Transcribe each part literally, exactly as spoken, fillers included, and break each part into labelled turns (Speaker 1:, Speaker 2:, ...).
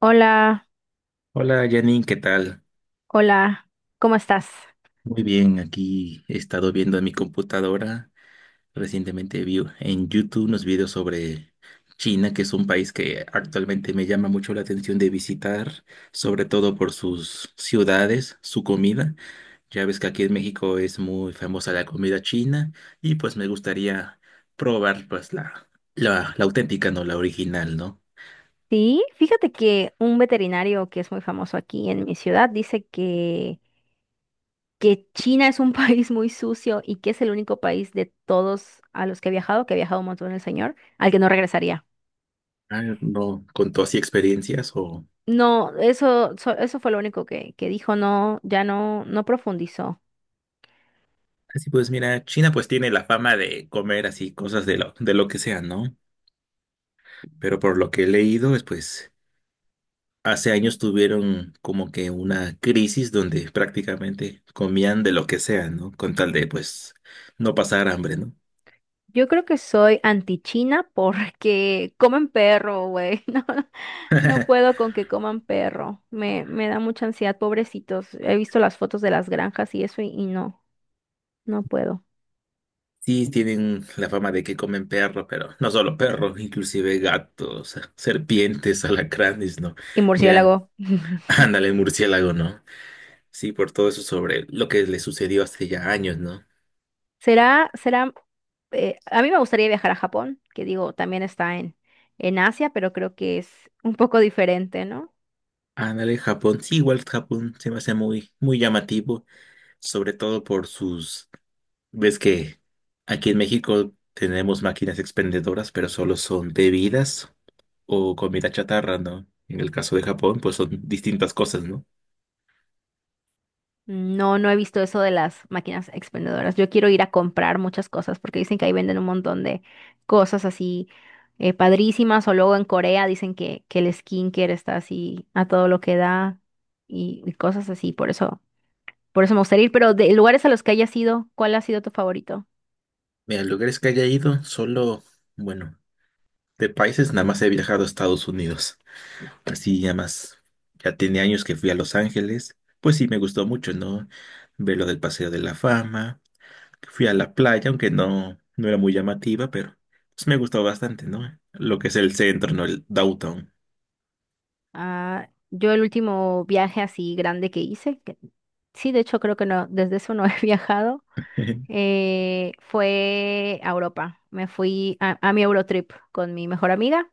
Speaker 1: Hola,
Speaker 2: Hola Janine, ¿qué tal?
Speaker 1: hola, ¿cómo estás?
Speaker 2: Muy bien, aquí he estado viendo en mi computadora. Recientemente vi en YouTube unos videos sobre China, que es un país que actualmente me llama mucho la atención de visitar, sobre todo por sus ciudades, su comida. Ya ves que aquí en México es muy famosa la comida china y pues me gustaría probar pues la, la, la auténtica, no la original, ¿no?
Speaker 1: Sí, fíjate que un veterinario que es muy famoso aquí en mi ciudad dice que, que China es un país muy sucio y que es el único país de todos a los que he viajado, que ha viajado un montón el señor, al que no regresaría.
Speaker 2: Ah, ¿no contó así experiencias o?
Speaker 1: No, eso, so- eso fue lo único que, que dijo, no, ya no, no profundizó.
Speaker 2: Así pues, mira, China pues tiene la fama de comer así cosas de lo, de lo que sea, ¿no? Pero por lo que he leído es pues hace años tuvieron como que una crisis donde prácticamente comían de lo que sea, ¿no? Con tal de pues no pasar hambre, ¿no?
Speaker 1: Yo creo que soy anti-China porque comen perro, güey. No, no puedo con que coman perro. Me, me da mucha ansiedad, pobrecitos. He visto las fotos de las granjas y eso y, y no, no, puedo.
Speaker 2: Sí, tienen la fama de que comen perro, pero no solo perro, inclusive gatos, serpientes, alacranes, ¿no?
Speaker 1: Y
Speaker 2: Ya,
Speaker 1: murciélago.
Speaker 2: ándale, murciélago, ¿no? Sí, por todo eso sobre lo que le sucedió hace ya años, ¿no?
Speaker 1: Será, será, eh, a mí me gustaría viajar a Japón, que digo, también está en, en Asia, pero creo que es un poco diferente, ¿no?
Speaker 2: Ándale, Japón. Sí, igual Japón se me hace muy, muy llamativo, sobre todo por sus. Ves que aquí en México tenemos máquinas expendedoras, pero solo son bebidas o comida chatarra, ¿no? En el caso de Japón, pues son distintas cosas, ¿no?
Speaker 1: No, no he visto eso de las máquinas expendedoras. Yo quiero ir a comprar muchas cosas porque dicen que ahí venden un montón de cosas así, eh, padrísimas. O luego en Corea dicen que, que el skincare está así a todo lo que da y, y cosas así. Por eso, por eso me gustaría ir. Pero de lugares a los que hayas ido, ¿cuál ha sido tu favorito?
Speaker 2: Mira, lugares que haya ido, solo, bueno, de países nada más he viajado a Estados Unidos. Así ya más, ya tiene años que fui a Los Ángeles. Pues sí, me gustó mucho, ¿no? Ver lo del Paseo de la Fama. Fui a la playa, aunque no, no era muy llamativa, pero pues, me gustó bastante, ¿no? Lo que es el centro, ¿no? El downtown.
Speaker 1: Ah, yo el último viaje así grande que hice, que- sí, de hecho creo que no, desde eso no he viajado. eh, fue a Europa. Me fui a, a mi Eurotrip con mi mejor amiga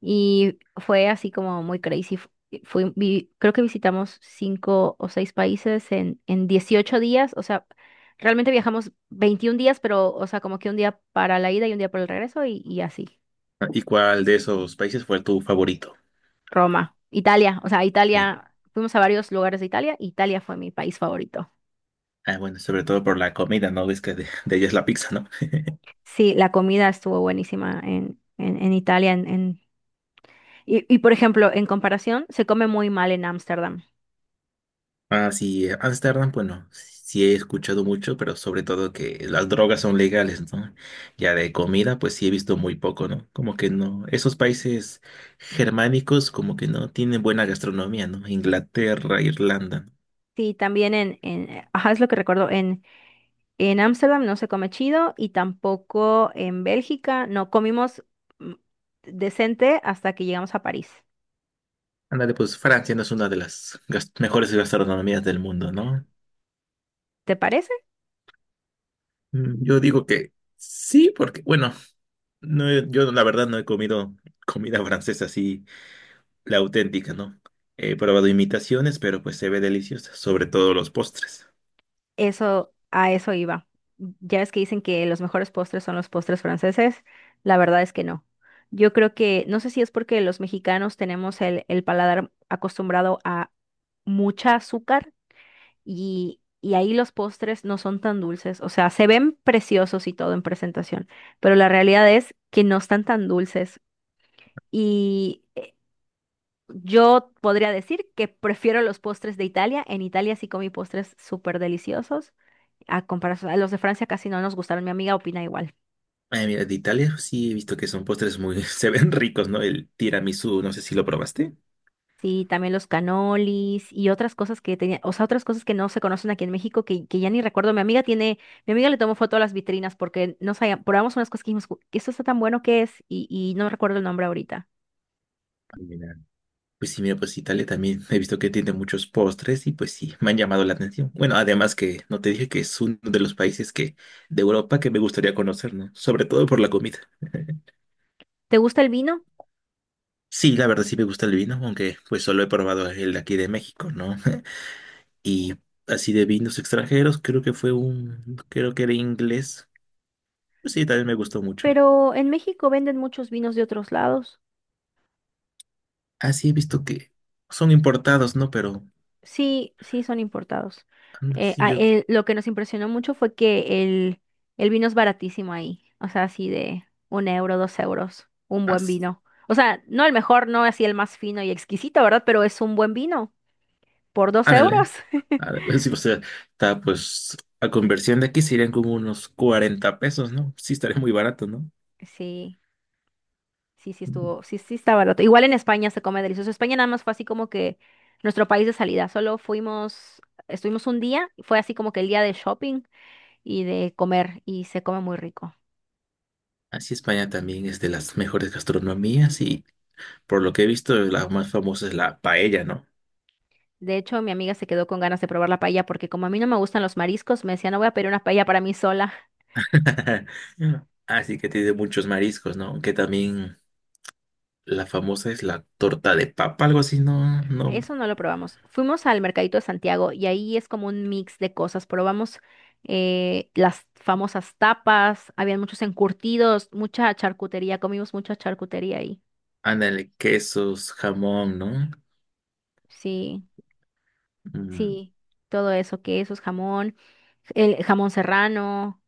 Speaker 1: y fue así como muy crazy. Fu- Fui, vi- creo que visitamos cinco o seis países en, en dieciocho días. O sea, realmente viajamos veintiún días, pero, o sea, como que un día para la ida y un día para el regreso y, y así.
Speaker 2: ¿Y cuál de esos países fue tu favorito?
Speaker 1: Roma, Italia, o sea,
Speaker 2: Eh,
Speaker 1: Italia, fuimos a varios lugares de Italia. Italia fue mi país favorito.
Speaker 2: ah, bueno, sobre todo por la comida, ¿no? Ves que de, de ella es la pizza, ¿no?
Speaker 1: Sí, la comida estuvo buenísima en, en, en Italia, en, en Y, y, por ejemplo, en comparación, se come muy mal en Ámsterdam.
Speaker 2: Ah, sí, eh, Ámsterdam, bueno, sí he escuchado mucho, pero sobre todo que las drogas son legales, ¿no? Ya de comida, pues sí he visto muy poco, ¿no? Como que no, esos países germánicos como que no tienen buena gastronomía, ¿no? Inglaterra, Irlanda.
Speaker 1: Sí, también en, en, ajá, es lo que recuerdo, en, en Ámsterdam no se come chido y tampoco en Bélgica no comimos mm, decente hasta que llegamos a París.
Speaker 2: Ándale, pues Francia no es una de las gas- mejores gastronomías del mundo, ¿no?
Speaker 1: ¿Te parece?
Speaker 2: Mm, yo digo que sí, porque, bueno, no he- yo la verdad no he comido comida francesa así, la auténtica, ¿no? He probado imitaciones, pero pues se ve deliciosa, sobre todo los postres.
Speaker 1: Eso, a eso iba. Ya es que dicen que los mejores postres son los postres franceses. La verdad es que no. Yo creo que, no sé si es porque los mexicanos tenemos el, el paladar acostumbrado a mucha azúcar y, y ahí los postres no son tan dulces, o sea, se ven preciosos y todo en presentación, pero la realidad es que no están tan dulces y, eh, yo podría decir que prefiero los postres de Italia, en Italia sí comí postres súper deliciosos, a comparación a los de Francia casi no nos gustaron, mi amiga opina igual.
Speaker 2: Ay, mira, de Italia sí he visto que son postres muy, se ven ricos, ¿no? El tiramisú, no sé si lo probaste.
Speaker 1: Sí, también los canolis y otras cosas que tenía, o sea, otras cosas que no se conocen aquí en México que, que ya ni recuerdo. Mi amiga tiene, mi amiga le tomó foto a las vitrinas porque no sabía, probamos unas cosas que dijimos, "Ju- esto está tan bueno que es", y, y no recuerdo el nombre ahorita.
Speaker 2: Ay, mira, pues sí, mira, pues sí, Italia también he visto que tiene muchos postres y pues sí, me han llamado la atención. Bueno, además que no te dije que es uno de los países que de Europa que me gustaría conocer, ¿no? Sobre todo por la comida.
Speaker 1: ¿Te gusta el vino?
Speaker 2: Sí, la verdad sí me gusta el vino, aunque pues solo he probado el de aquí de México, ¿no? Y así de vinos extranjeros, creo que fue un, creo que era inglés. Pues sí, también me gustó mucho.
Speaker 1: Pero en México venden muchos vinos de otros lados.
Speaker 2: Así he visto que son importados, ¿no? Pero
Speaker 1: Sí, sí, son importados.
Speaker 2: anda,
Speaker 1: Eh,
Speaker 2: sí
Speaker 1: ah,
Speaker 2: yo,
Speaker 1: eh, lo que nos impresionó mucho fue que el, el vino es baratísimo ahí. O sea, así de un euro, dos euros, un buen
Speaker 2: as-
Speaker 1: vino. O sea, no el mejor, no así el más fino y exquisito, ¿verdad? Pero es un buen vino por dos
Speaker 2: ándale.
Speaker 1: euros.
Speaker 2: Ándale, sí, o sea, está pues a conversión de aquí serían como unos cuarenta pesos, ¿no? Sí, estaría muy barato, ¿no?
Speaker 1: Sí, sí, sí estuvo, sí, sí está barato. Igual en España se come delicioso. España nada más fue así como que nuestro país de salida. Solo fuimos, estuvimos un día, fue así como que el día de shopping y de comer y se come muy rico.
Speaker 2: Así España también es de las mejores gastronomías y por lo que he visto la más famosa es la paella, ¿no?
Speaker 1: De hecho, mi amiga se quedó con ganas de probar la paella porque como a mí no me gustan los mariscos, me decía, no voy a pedir una paella para mí sola.
Speaker 2: Así que tiene muchos mariscos, ¿no? Que también la famosa es la torta de papa, algo así, ¿no? No.
Speaker 1: Eso no lo probamos. Fuimos al Mercadito de Santiago y ahí es como un mix de cosas. Probamos, eh, las famosas tapas, habían muchos encurtidos, mucha charcutería, comimos mucha charcutería ahí.
Speaker 2: Ándale, quesos, jamón, ¿no?
Speaker 1: Sí,
Speaker 2: Mm,
Speaker 1: sí, todo eso, quesos, jamón, el jamón serrano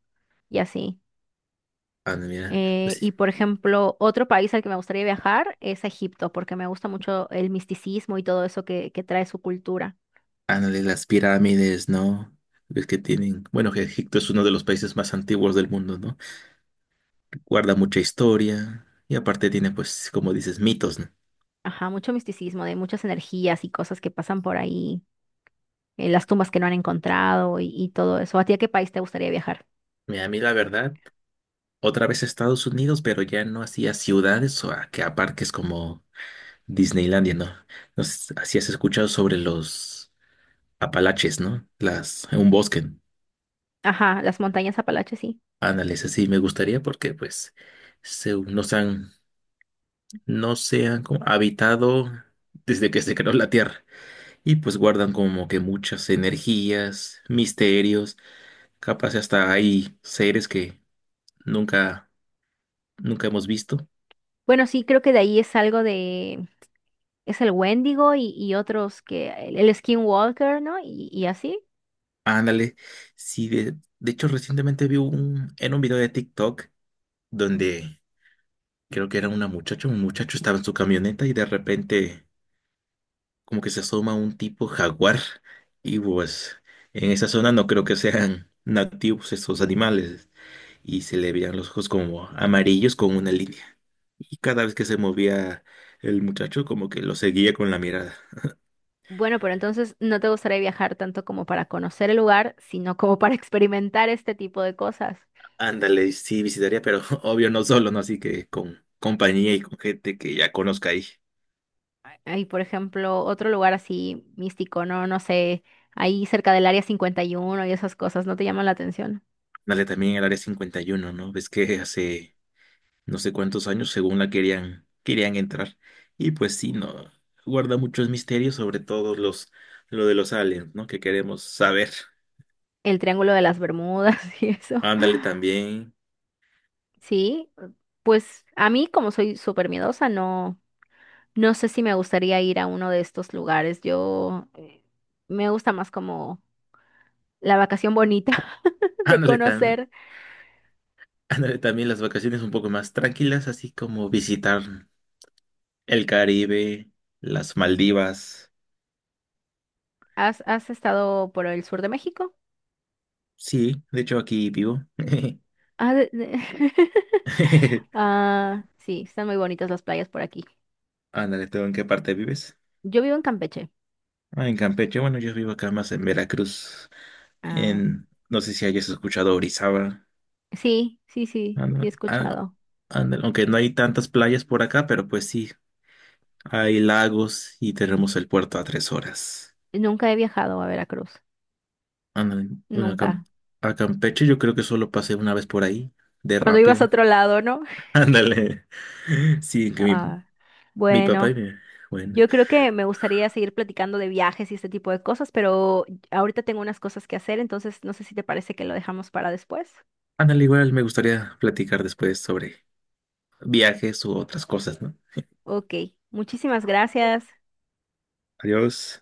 Speaker 1: y así.
Speaker 2: ándale, mira,
Speaker 1: Eh,
Speaker 2: pues,
Speaker 1: y por ejemplo, otro país al que me gustaría viajar es a Egipto, porque me gusta mucho el misticismo y todo eso que, que trae su cultura.
Speaker 2: ándale, las pirámides, ¿no? Ves que tienen. Bueno, que Egipto es uno de los países más antiguos del mundo, ¿no? Guarda mucha historia. Y aparte tiene, pues, como dices, mitos, ¿no?
Speaker 1: Ajá, mucho misticismo, de muchas energías y cosas que pasan por ahí, eh, las tumbas que no han encontrado y, y todo eso. ¿A ti a qué país te gustaría viajar?
Speaker 2: Mira, a mí la verdad, otra vez Estados Unidos, pero ya no hacía ciudades o a que a parques como Disneylandia, ¿no? No sé si has escuchado sobre los Apalaches, ¿no? Las, un bosque. ¿No?
Speaker 1: Ajá, las montañas Apalaches, sí.
Speaker 2: Ándale, sí, me gustaría porque pues se, nos han, no se han como habitado desde que se creó la Tierra y pues guardan como que muchas energías, misterios, capaz hasta hay seres que nunca, nunca hemos visto.
Speaker 1: Bueno, sí, creo que de ahí es algo de, es el Wendigo y, y otros que, el, el Skinwalker, ¿no? Y, y así.
Speaker 2: Ándale, sí, de, de hecho recientemente vi un, en un video de TikTok donde creo que era una muchacha, un muchacho estaba en su camioneta y de repente como que se asoma un tipo jaguar y pues en esa zona no creo que sean nativos estos animales y se le veían los ojos como amarillos con una línea. Y cada vez que se movía el muchacho como que lo seguía con la mirada.
Speaker 1: Bueno, pero entonces no te gustaría viajar tanto como para conocer el lugar, sino como para experimentar este tipo de cosas.
Speaker 2: Ándale, sí visitaría, pero obvio no solo, ¿no? Así que con compañía y con gente que ya conozca ahí.
Speaker 1: Hay, por ejemplo, otro lugar así místico, ¿no? No sé, ahí cerca del Área cincuenta y uno y uno y esas cosas, ¿no te llaman la atención?
Speaker 2: Ándale, también el área cincuenta y uno, ¿no? Ves que hace no sé cuántos años, según la querían, querían entrar. Y pues sí, no, guarda muchos misterios, sobre todo los, lo de los aliens, ¿no? Que queremos saber.
Speaker 1: El Triángulo de las Bermudas y eso.
Speaker 2: Ándale también,
Speaker 1: Sí, pues a mí como soy súper miedosa, no, no sé si me gustaría ir a uno de estos lugares. Yo, eh, me gusta más como la vacación bonita de
Speaker 2: ándale también,
Speaker 1: conocer.
Speaker 2: ándale también las vacaciones un poco más tranquilas, así como visitar el Caribe, las Maldivas.
Speaker 1: ¿Has, has estado por el sur de México?
Speaker 2: Sí, de hecho aquí vivo.
Speaker 1: Ah, de- de- Ah, sí, están muy bonitas las playas por aquí.
Speaker 2: Ándale, ¿tú en qué parte vives?
Speaker 1: Yo vivo en Campeche.
Speaker 2: Ah, en Campeche, bueno, yo vivo acá más en Veracruz,
Speaker 1: Ah,
Speaker 2: en, no sé si hayas escuchado Orizaba.
Speaker 1: sí, sí, sí, sí he
Speaker 2: Ándale, ándale,
Speaker 1: escuchado.
Speaker 2: ándale. Aunque no hay tantas playas por acá, pero pues sí, hay lagos y tenemos el puerto a tres horas.
Speaker 1: Nunca he viajado a Veracruz.
Speaker 2: Ándale, bueno, a, Cam-
Speaker 1: Nunca.
Speaker 2: a Campeche yo creo que solo pasé una vez por ahí, de
Speaker 1: Cuando ibas a
Speaker 2: rápido.
Speaker 1: otro lado, ¿no?
Speaker 2: Ándale. Sí, que mi,
Speaker 1: Ah,
Speaker 2: mi papá y
Speaker 1: bueno,
Speaker 2: mi. Bueno,
Speaker 1: yo creo que me gustaría seguir platicando de viajes y este tipo de cosas, pero ahorita tengo unas cosas que hacer, entonces no sé si te parece que lo dejamos para después.
Speaker 2: ándale, igual me gustaría platicar después sobre viajes u otras cosas, ¿no?
Speaker 1: Ok, muchísimas gracias.
Speaker 2: Adiós.